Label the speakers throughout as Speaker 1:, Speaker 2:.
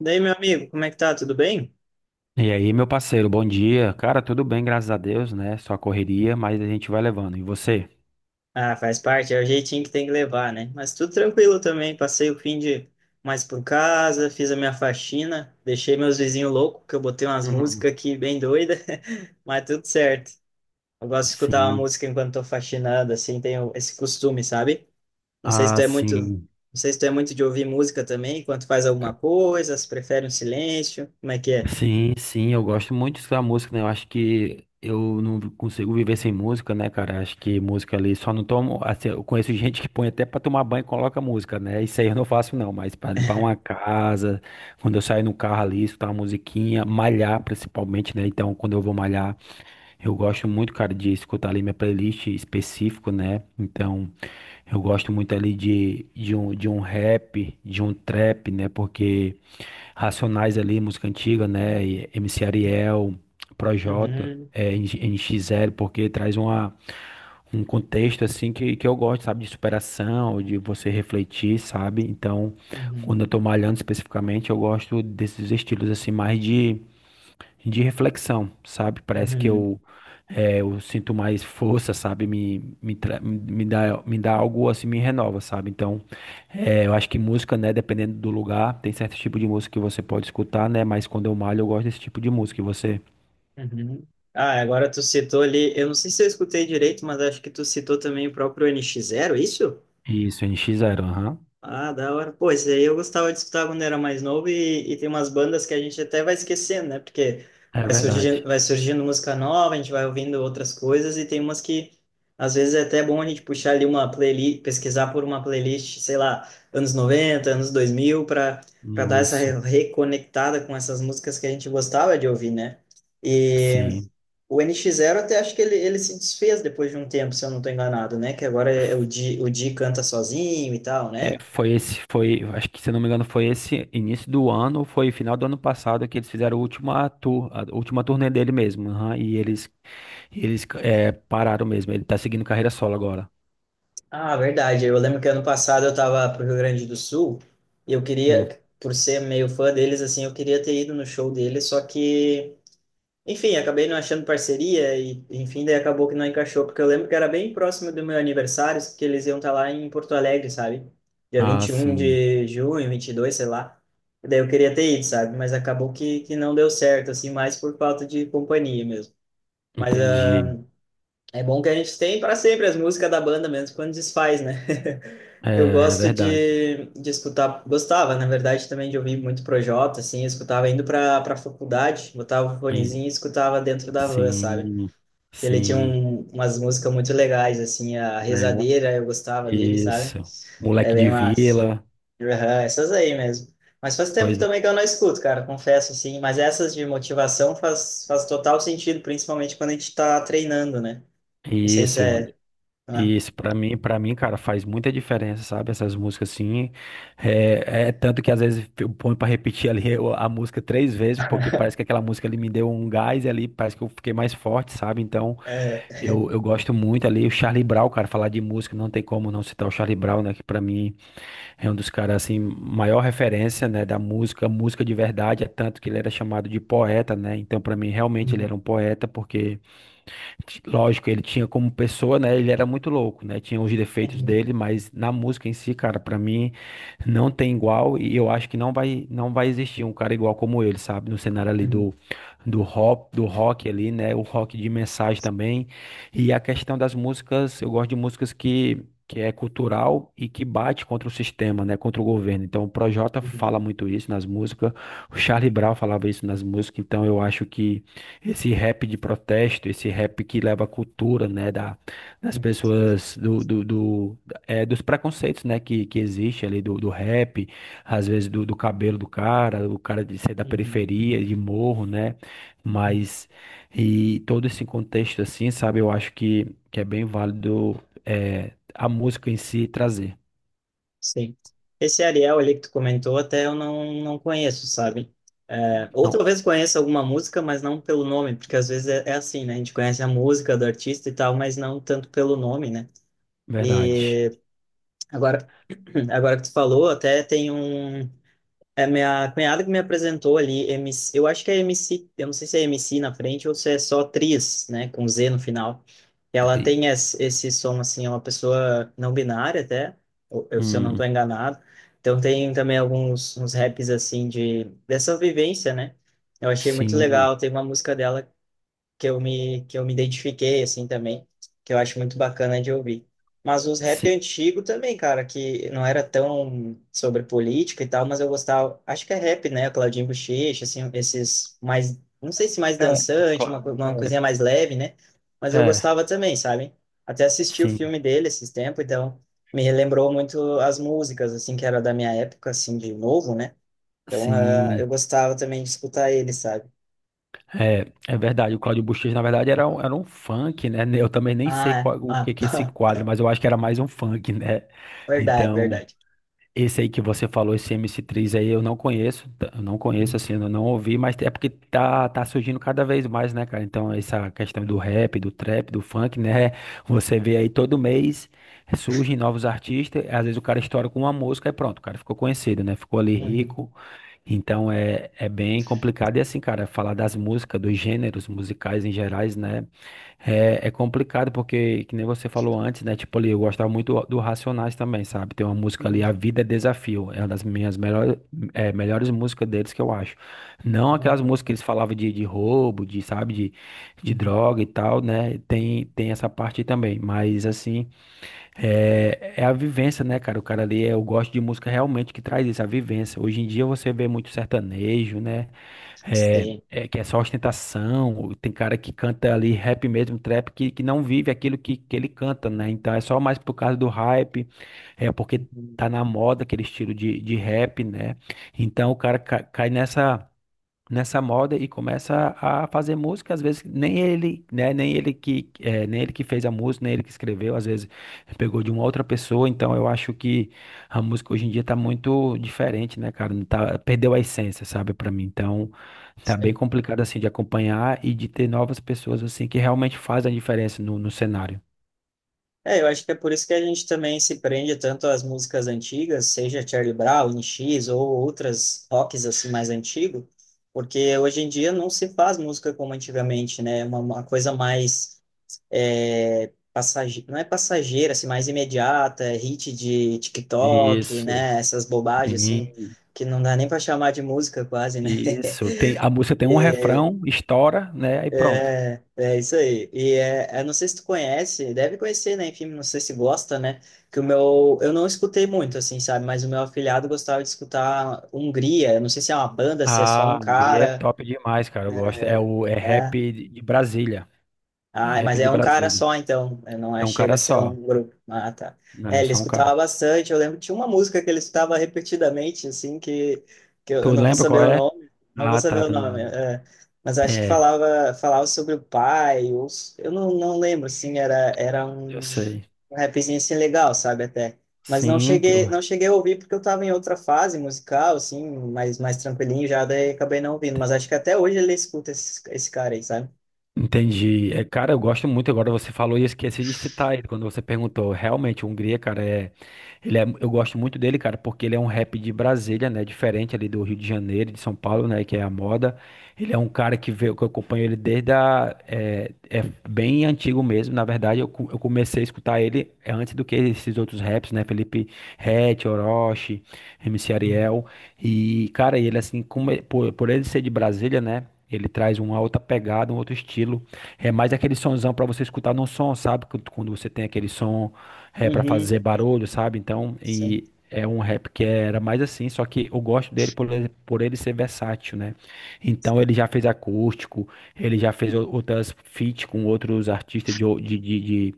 Speaker 1: Daí, meu amigo, como é que tá? Tudo bem?
Speaker 2: E aí, meu parceiro, bom dia. Cara, tudo bem, graças a Deus, né? Só correria, mas a gente vai levando. E você?
Speaker 1: Ah, faz parte, é o jeitinho que tem que levar, né? Mas tudo tranquilo também. Passei o fim de mais por casa, fiz a minha faxina, deixei meus vizinhos loucos, que eu botei umas
Speaker 2: Uhum.
Speaker 1: músicas aqui bem doida, mas tudo certo. Eu gosto de escutar uma
Speaker 2: Sim.
Speaker 1: música enquanto tô faxinando, assim, tenho esse costume, sabe? Não sei se tu
Speaker 2: Ah,
Speaker 1: é muito, não
Speaker 2: sim.
Speaker 1: sei se tu é muito de ouvir música também, enquanto faz alguma
Speaker 2: Ca-
Speaker 1: coisa, se prefere um silêncio, como é que é?
Speaker 2: Sim, sim, eu gosto muito da música, né? Eu acho que eu não consigo viver sem música, né, cara? Acho que música ali só não tomo. Assim, eu conheço gente que põe até pra tomar banho e coloca música, né? Isso aí eu não faço, não, mas pra limpar uma casa, quando eu saio no carro ali, escutar uma musiquinha, malhar principalmente, né? Então, quando eu vou malhar. Eu gosto muito, cara, de escutar ali minha playlist específico, né? Então, eu gosto muito ali de um rap, de um trap, né? Porque Racionais ali, música antiga, né? E MC Ariel, Projota,
Speaker 1: Uhum,
Speaker 2: NX Zero, porque traz um contexto, assim, que eu gosto, sabe? De superação, de você refletir, sabe? Então,
Speaker 1: uhum,
Speaker 2: quando eu tô malhando especificamente, eu gosto desses estilos, assim, mais de reflexão, sabe? Parece que
Speaker 1: uhum.
Speaker 2: eu sinto mais força, sabe? Me dá algo assim, me renova, sabe? Então, eu acho que música, né? Dependendo do lugar, tem certo tipo de música que você pode escutar, né? Mas quando eu malho, eu gosto desse tipo de música. E você?
Speaker 1: Uhum. Ah, agora tu citou ali, eu não sei se eu escutei direito, mas acho que tu citou também o próprio NX Zero, é isso?
Speaker 2: Isso, NX Zero, aham.
Speaker 1: Ah, da hora. Pô, esse aí eu gostava de escutar quando era mais novo e tem umas bandas que a gente até vai esquecendo, né? Porque
Speaker 2: É verdade.
Speaker 1: vai surgindo música nova, a gente vai ouvindo outras coisas e tem umas que às vezes é até bom a gente puxar ali uma playlist, pesquisar por uma playlist, sei lá, anos 90, anos 2000, para dar essa
Speaker 2: Isso,
Speaker 1: reconectada com essas músicas que a gente gostava de ouvir, né?
Speaker 2: sim.
Speaker 1: O NX Zero até acho que ele se desfez depois de um tempo, se eu não tô enganado, né? Que agora é
Speaker 2: F-
Speaker 1: O Di canta sozinho e tal, né?
Speaker 2: É, acho que se eu não me engano, foi esse início do ano, foi final do ano passado que eles fizeram a última tour, a última turnê dele mesmo, aham, e eles. Eles pararam mesmo. Ele tá seguindo carreira solo agora.
Speaker 1: Ah, verdade. Eu lembro que ano passado eu tava pro Rio Grande do Sul e eu
Speaker 2: Hum.
Speaker 1: queria, por ser meio fã deles, assim, eu queria ter ido no show deles, só que enfim, acabei não achando parceria e, enfim, daí acabou que não encaixou, porque eu lembro que era bem próximo do meu aniversário, que eles iam estar lá em Porto Alegre, sabe? Dia
Speaker 2: Ah,
Speaker 1: 21
Speaker 2: sim.
Speaker 1: de junho, 22 sei lá. E daí eu queria ter ido, sabe? Mas acabou que não deu certo, assim, mais por falta de companhia mesmo. Mas
Speaker 2: Entendi.
Speaker 1: ah, é bom que a gente tem para sempre as músicas da banda, mesmo quando desfaz, né?
Speaker 2: É,
Speaker 1: Eu
Speaker 2: é,
Speaker 1: gosto
Speaker 2: verdade.
Speaker 1: de escutar, gostava, na verdade, também de ouvir muito Projota, assim, eu escutava indo para faculdade, botava o
Speaker 2: E-
Speaker 1: fonezinho e escutava dentro da van, sabe?
Speaker 2: Sim,
Speaker 1: Que ele tinha
Speaker 2: sim,
Speaker 1: um, umas músicas muito legais, assim, a
Speaker 2: né?
Speaker 1: Rezadeira, eu gostava dele, sabe?
Speaker 2: Isso.
Speaker 1: É
Speaker 2: Moleque
Speaker 1: bem
Speaker 2: de
Speaker 1: massa.
Speaker 2: vila.
Speaker 1: Aham, essas aí mesmo. Mas faz tempo
Speaker 2: Pois é.
Speaker 1: também que eu não escuto, cara, confesso, assim, mas essas de motivação faz, faz total sentido, principalmente quando a gente tá treinando, né? Não sei se
Speaker 2: Isso,
Speaker 1: ah,
Speaker 2: isso. Para mim, cara, faz muita diferença, sabe? Essas músicas assim. É tanto que às vezes eu ponho pra repetir ali a música três vezes, porque parece que aquela música ali me deu um gás e ali parece que eu fiquei mais forte, sabe? Então.
Speaker 1: é...
Speaker 2: Eu gosto muito ali, o Charlie Brown, cara, falar de música, não tem como não citar o Charlie Brown, né, que pra mim é um dos caras, assim, maior referência, né, da música, música de verdade, é tanto que ele era chamado de poeta, né, então pra mim realmente ele era
Speaker 1: Uhum,
Speaker 2: um poeta, porque lógico, ele tinha como pessoa, né? Ele era muito louco, né? Tinha os defeitos dele,
Speaker 1: uhum,
Speaker 2: mas na música em si, cara, pra mim não tem igual e eu acho que não vai existir um cara igual como ele, sabe? No cenário ali
Speaker 1: uhum,
Speaker 2: do rock ali, né? O rock de mensagem também. E a questão das músicas, eu gosto de músicas que é cultural e que bate contra o sistema, né? Contra o governo. Então, o Projota
Speaker 1: uhum,
Speaker 2: fala muito isso nas músicas, o Charlie Brown falava isso nas músicas, então eu acho que esse rap de protesto, esse rap que leva a cultura, né, das
Speaker 1: uhum.
Speaker 2: pessoas, dos preconceitos, né, que existe ali do rap, às vezes do cabelo do cara, o cara de ser da
Speaker 1: Uhum,
Speaker 2: periferia, de morro, né,
Speaker 1: uhum,
Speaker 2: mas, e todo esse contexto assim, sabe, eu acho que, é bem válido a música em si trazer.
Speaker 1: sim. Esse Ariel ali que tu comentou, até eu não, não conheço, sabe? É, ou
Speaker 2: Não,
Speaker 1: talvez conheça alguma música, mas não pelo nome, porque às vezes é, é assim, né? A gente conhece a música do artista e tal, mas não tanto pelo nome, né?
Speaker 2: verdade.
Speaker 1: E agora, agora que tu falou, até tem um. É, minha cunhada que me apresentou ali, MC, eu acho que é MC, eu não sei se é MC na frente ou se é só Tris, né, com Z no final. Ela
Speaker 2: Tri-
Speaker 1: tem esse som, assim, é uma pessoa não binária até, ou eu, se eu não
Speaker 2: Hum,
Speaker 1: estou enganado. Então tem também alguns uns raps, assim, de, dessa vivência, né? Eu achei muito
Speaker 2: sim,
Speaker 1: legal, tem uma música dela que eu que eu me identifiquei, assim, também, que eu acho muito bacana de ouvir. Mas os rap
Speaker 2: sim.
Speaker 1: antigo também, cara, que não era tão sobre política e tal, mas eu gostava, acho que é rap, né, Claudinho Buchecha, assim, esses mais, não sei se mais
Speaker 2: É,
Speaker 1: dançante, uma,
Speaker 2: claro.
Speaker 1: uma coisinha mais leve, né, mas eu
Speaker 2: É,
Speaker 1: gostava também, sabe? Até assisti o
Speaker 2: sim.
Speaker 1: filme dele esses tempos, então me relembrou muito as músicas, assim, que era da minha época, assim, de novo, né? Então, ah, eu
Speaker 2: Sim.
Speaker 1: gostava também de escutar ele, sabe?
Speaker 2: É, verdade, o Claudio Buchecha, na verdade, era um funk, né? Eu também nem
Speaker 1: Ah,
Speaker 2: sei
Speaker 1: é.
Speaker 2: o que
Speaker 1: Ah.
Speaker 2: que é esse quadro, mas eu acho que era mais um funk, né?
Speaker 1: Verdade,
Speaker 2: Então,
Speaker 1: verdade.
Speaker 2: esse aí que você falou, esse MC3 aí, eu não conheço, eu não conheço,
Speaker 1: Uhum,
Speaker 2: assim, eu não ouvi, mas é porque tá surgindo cada vez mais, né, cara? Então, essa questão do rap, do trap, do funk, né? Você vê aí todo mês surgem novos artistas, às vezes o cara estoura com uma música e pronto, o cara ficou conhecido, né? Ficou ali
Speaker 1: uhum,
Speaker 2: rico, então é bem complicado. E assim, cara, falar das músicas, dos gêneros musicais em gerais, né? É complicado porque, que nem você falou antes, né? Tipo ali, eu gostava muito do Racionais também, sabe? Tem uma música ali, A Vida é Desafio. É uma das minhas melhores músicas deles que eu acho. Não
Speaker 1: uhum,
Speaker 2: aquelas músicas que eles falavam de, roubo, de, sabe, de
Speaker 1: uhum.
Speaker 2: droga e tal, né? Tem essa parte também. Mas assim. É a vivência, né, cara? O cara ali, eu gosto de música realmente que traz isso, a vivência. Hoje em dia você vê muito sertanejo, né? É,
Speaker 1: Sim.
Speaker 2: é que é só ostentação. Tem cara que canta ali rap mesmo, trap, que não vive aquilo que ele canta, né? Então é só mais por causa do hype, é porque
Speaker 1: Uhum,
Speaker 2: tá na moda aquele estilo de rap, né? Então o cara cai nessa moda e começa a fazer música, às vezes nem ele, né, nem ele que nem ele que fez a música, nem ele que escreveu, às vezes pegou de uma outra pessoa, então eu acho que a música hoje em dia tá muito diferente, né, cara, não tá, perdeu a essência, sabe, pra mim. Então, tá bem
Speaker 1: sim.
Speaker 2: complicado assim de acompanhar e de ter novas pessoas assim que realmente fazem a diferença no cenário.
Speaker 1: É, eu acho que é por isso que a gente também se prende tanto às músicas antigas, seja Charlie Brown, N X ou outras rocks assim mais antigo, porque hoje em dia não se faz música como antigamente, né? É uma coisa mais é, passageira, não é passageira, assim, mais imediata, é hit de TikTok,
Speaker 2: Isso,
Speaker 1: né? Essas bobagens assim,
Speaker 2: sim,
Speaker 1: que não dá nem para chamar de música quase, né?
Speaker 2: isso. A música tem um refrão, estoura, né, e pronto.
Speaker 1: É isso aí. E é, eu não sei se tu conhece, deve conhecer, né? Enfim, não sei se gosta, né? Que o meu, eu não escutei muito, assim, sabe? Mas o meu afilhado gostava de escutar Hungria. Eu não sei se é uma banda, se é só um
Speaker 2: Ah, Hungria é
Speaker 1: cara.
Speaker 2: top demais, cara. Eu gosto. É o é
Speaker 1: É.
Speaker 2: rap de Brasília. É
Speaker 1: Ah, mas
Speaker 2: rap de
Speaker 1: é um cara
Speaker 2: Brasília.
Speaker 1: só, então. É, não é,
Speaker 2: É um
Speaker 1: chega
Speaker 2: cara
Speaker 1: a ser um
Speaker 2: só.
Speaker 1: grupo. Ah, tá.
Speaker 2: Não,
Speaker 1: É,
Speaker 2: é
Speaker 1: ele
Speaker 2: só um
Speaker 1: escutava
Speaker 2: cara.
Speaker 1: bastante. Eu lembro que tinha uma música que ele escutava repetidamente, assim, que eu
Speaker 2: Tu
Speaker 1: eu não vou
Speaker 2: lembra
Speaker 1: saber
Speaker 2: qual
Speaker 1: o
Speaker 2: é?
Speaker 1: nome. Não vou
Speaker 2: Ah,
Speaker 1: saber
Speaker 2: tá,
Speaker 1: o
Speaker 2: tu não
Speaker 1: nome.
Speaker 2: lembra.
Speaker 1: É. Mas acho que
Speaker 2: É,
Speaker 1: falava, falava sobre o pai. Ou eu não, não lembro, assim, era, era um
Speaker 2: eu sei.
Speaker 1: um rapzinho assim legal, sabe, até. Mas não
Speaker 2: Sim, teu.
Speaker 1: cheguei, não cheguei a ouvir porque eu estava em outra fase musical, assim, mais, mais tranquilinho já, daí acabei não ouvindo. Mas acho que até hoje ele escuta esse, esse cara aí, sabe?
Speaker 2: Entendi. É, cara, eu gosto muito. Agora você falou e eu esqueci de citar ele quando você perguntou. Realmente, o Hungria, cara, eu gosto muito dele, cara, porque ele é um rap de Brasília, né? Diferente ali do Rio de Janeiro, e de São Paulo, né? Que é a moda. Ele é um cara que veio, que eu acompanho ele desde a, é bem antigo mesmo. Na verdade, eu comecei a escutar ele antes do que esses outros raps, né? Felipe Ret, Orochi, MC
Speaker 1: Uhum.
Speaker 2: Ariel. E, cara, ele assim, como, por ele ser de Brasília, né? Ele traz uma outra pegada, um outro estilo. É mais aquele sonzão para você escutar no som, sabe? Quando você tem aquele som é para
Speaker 1: Uhum.
Speaker 2: fazer barulho, sabe? Então,
Speaker 1: Sim.
Speaker 2: e é um rap que era mais assim, só que eu gosto dele por ele ser versátil, né? Então,
Speaker 1: Sim.
Speaker 2: ele já fez acústico, ele já fez outras feats com outros artistas de, o- de, de, de,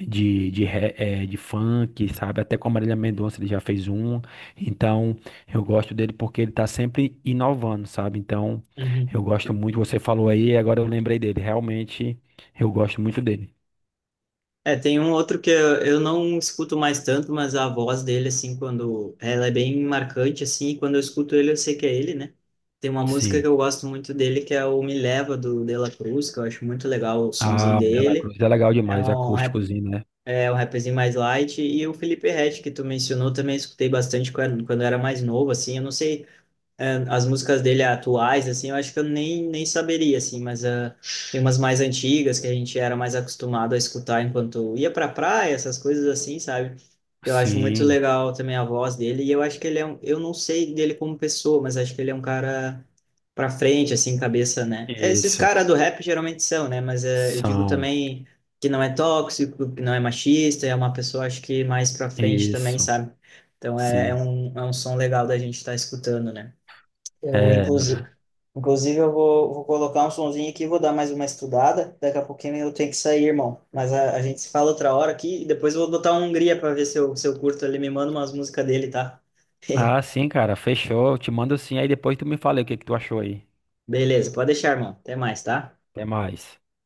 Speaker 2: de, de re- eh, de funk, sabe? Até com a Marília Mendonça ele já fez um. Então, eu gosto dele porque ele tá sempre inovando, sabe? Então,
Speaker 1: Uhum.
Speaker 2: eu gosto muito, você falou aí, agora eu lembrei dele. Realmente, eu gosto muito dele.
Speaker 1: É, tem um outro que eu não escuto mais tanto, mas a voz dele, assim, quando... ela é bem marcante, assim, e quando eu escuto ele, eu sei que é ele, né? Tem uma música que
Speaker 2: Sim.
Speaker 1: eu gosto muito dele, que é o Me Leva, do De La Cruz, que eu acho muito legal o sonzinho
Speaker 2: Ah, o De La
Speaker 1: dele.
Speaker 2: Cruz é legal
Speaker 1: É
Speaker 2: demais,
Speaker 1: um, rap,
Speaker 2: acústicozinho, né?
Speaker 1: é um rapzinho mais light. E o Felipe Ret, que tu mencionou, também escutei bastante quando, quando eu era mais novo, assim. Eu não sei é, as músicas dele atuais, assim, eu acho que eu nem, nem saberia, assim, mas ah, tem umas mais antigas que a gente era mais acostumado a escutar enquanto ia pra praia, essas coisas assim, sabe? Eu acho muito
Speaker 2: Sim,
Speaker 1: legal também a voz dele, e eu acho que ele é um, eu não sei dele como pessoa, mas acho que ele é um cara pra frente, assim, cabeça, né? Esses
Speaker 2: isso.
Speaker 1: caras do rap geralmente são, né? Mas eu digo
Speaker 2: São,
Speaker 1: também que não é tóxico, que não é machista, é uma pessoa, acho que mais pra frente também,
Speaker 2: isso,
Speaker 1: sabe? Então é,
Speaker 2: sim.
Speaker 1: é um som legal da gente estar escutando, né? Eu,
Speaker 2: É.
Speaker 1: inclusive, inclusive eu vou, vou colocar um sonzinho aqui, vou dar mais uma estudada. Daqui a pouquinho eu tenho que sair, irmão. Mas a gente se fala outra hora aqui e depois eu vou botar um Hungria para ver se eu, se eu curto. Ele me manda umas músicas dele, tá?
Speaker 2: Ah, sim, cara, fechou. Eu te mando sim, aí depois tu me fala aí o que que tu achou aí.
Speaker 1: Beleza, pode deixar, irmão. Até mais, tá?
Speaker 2: Até mais.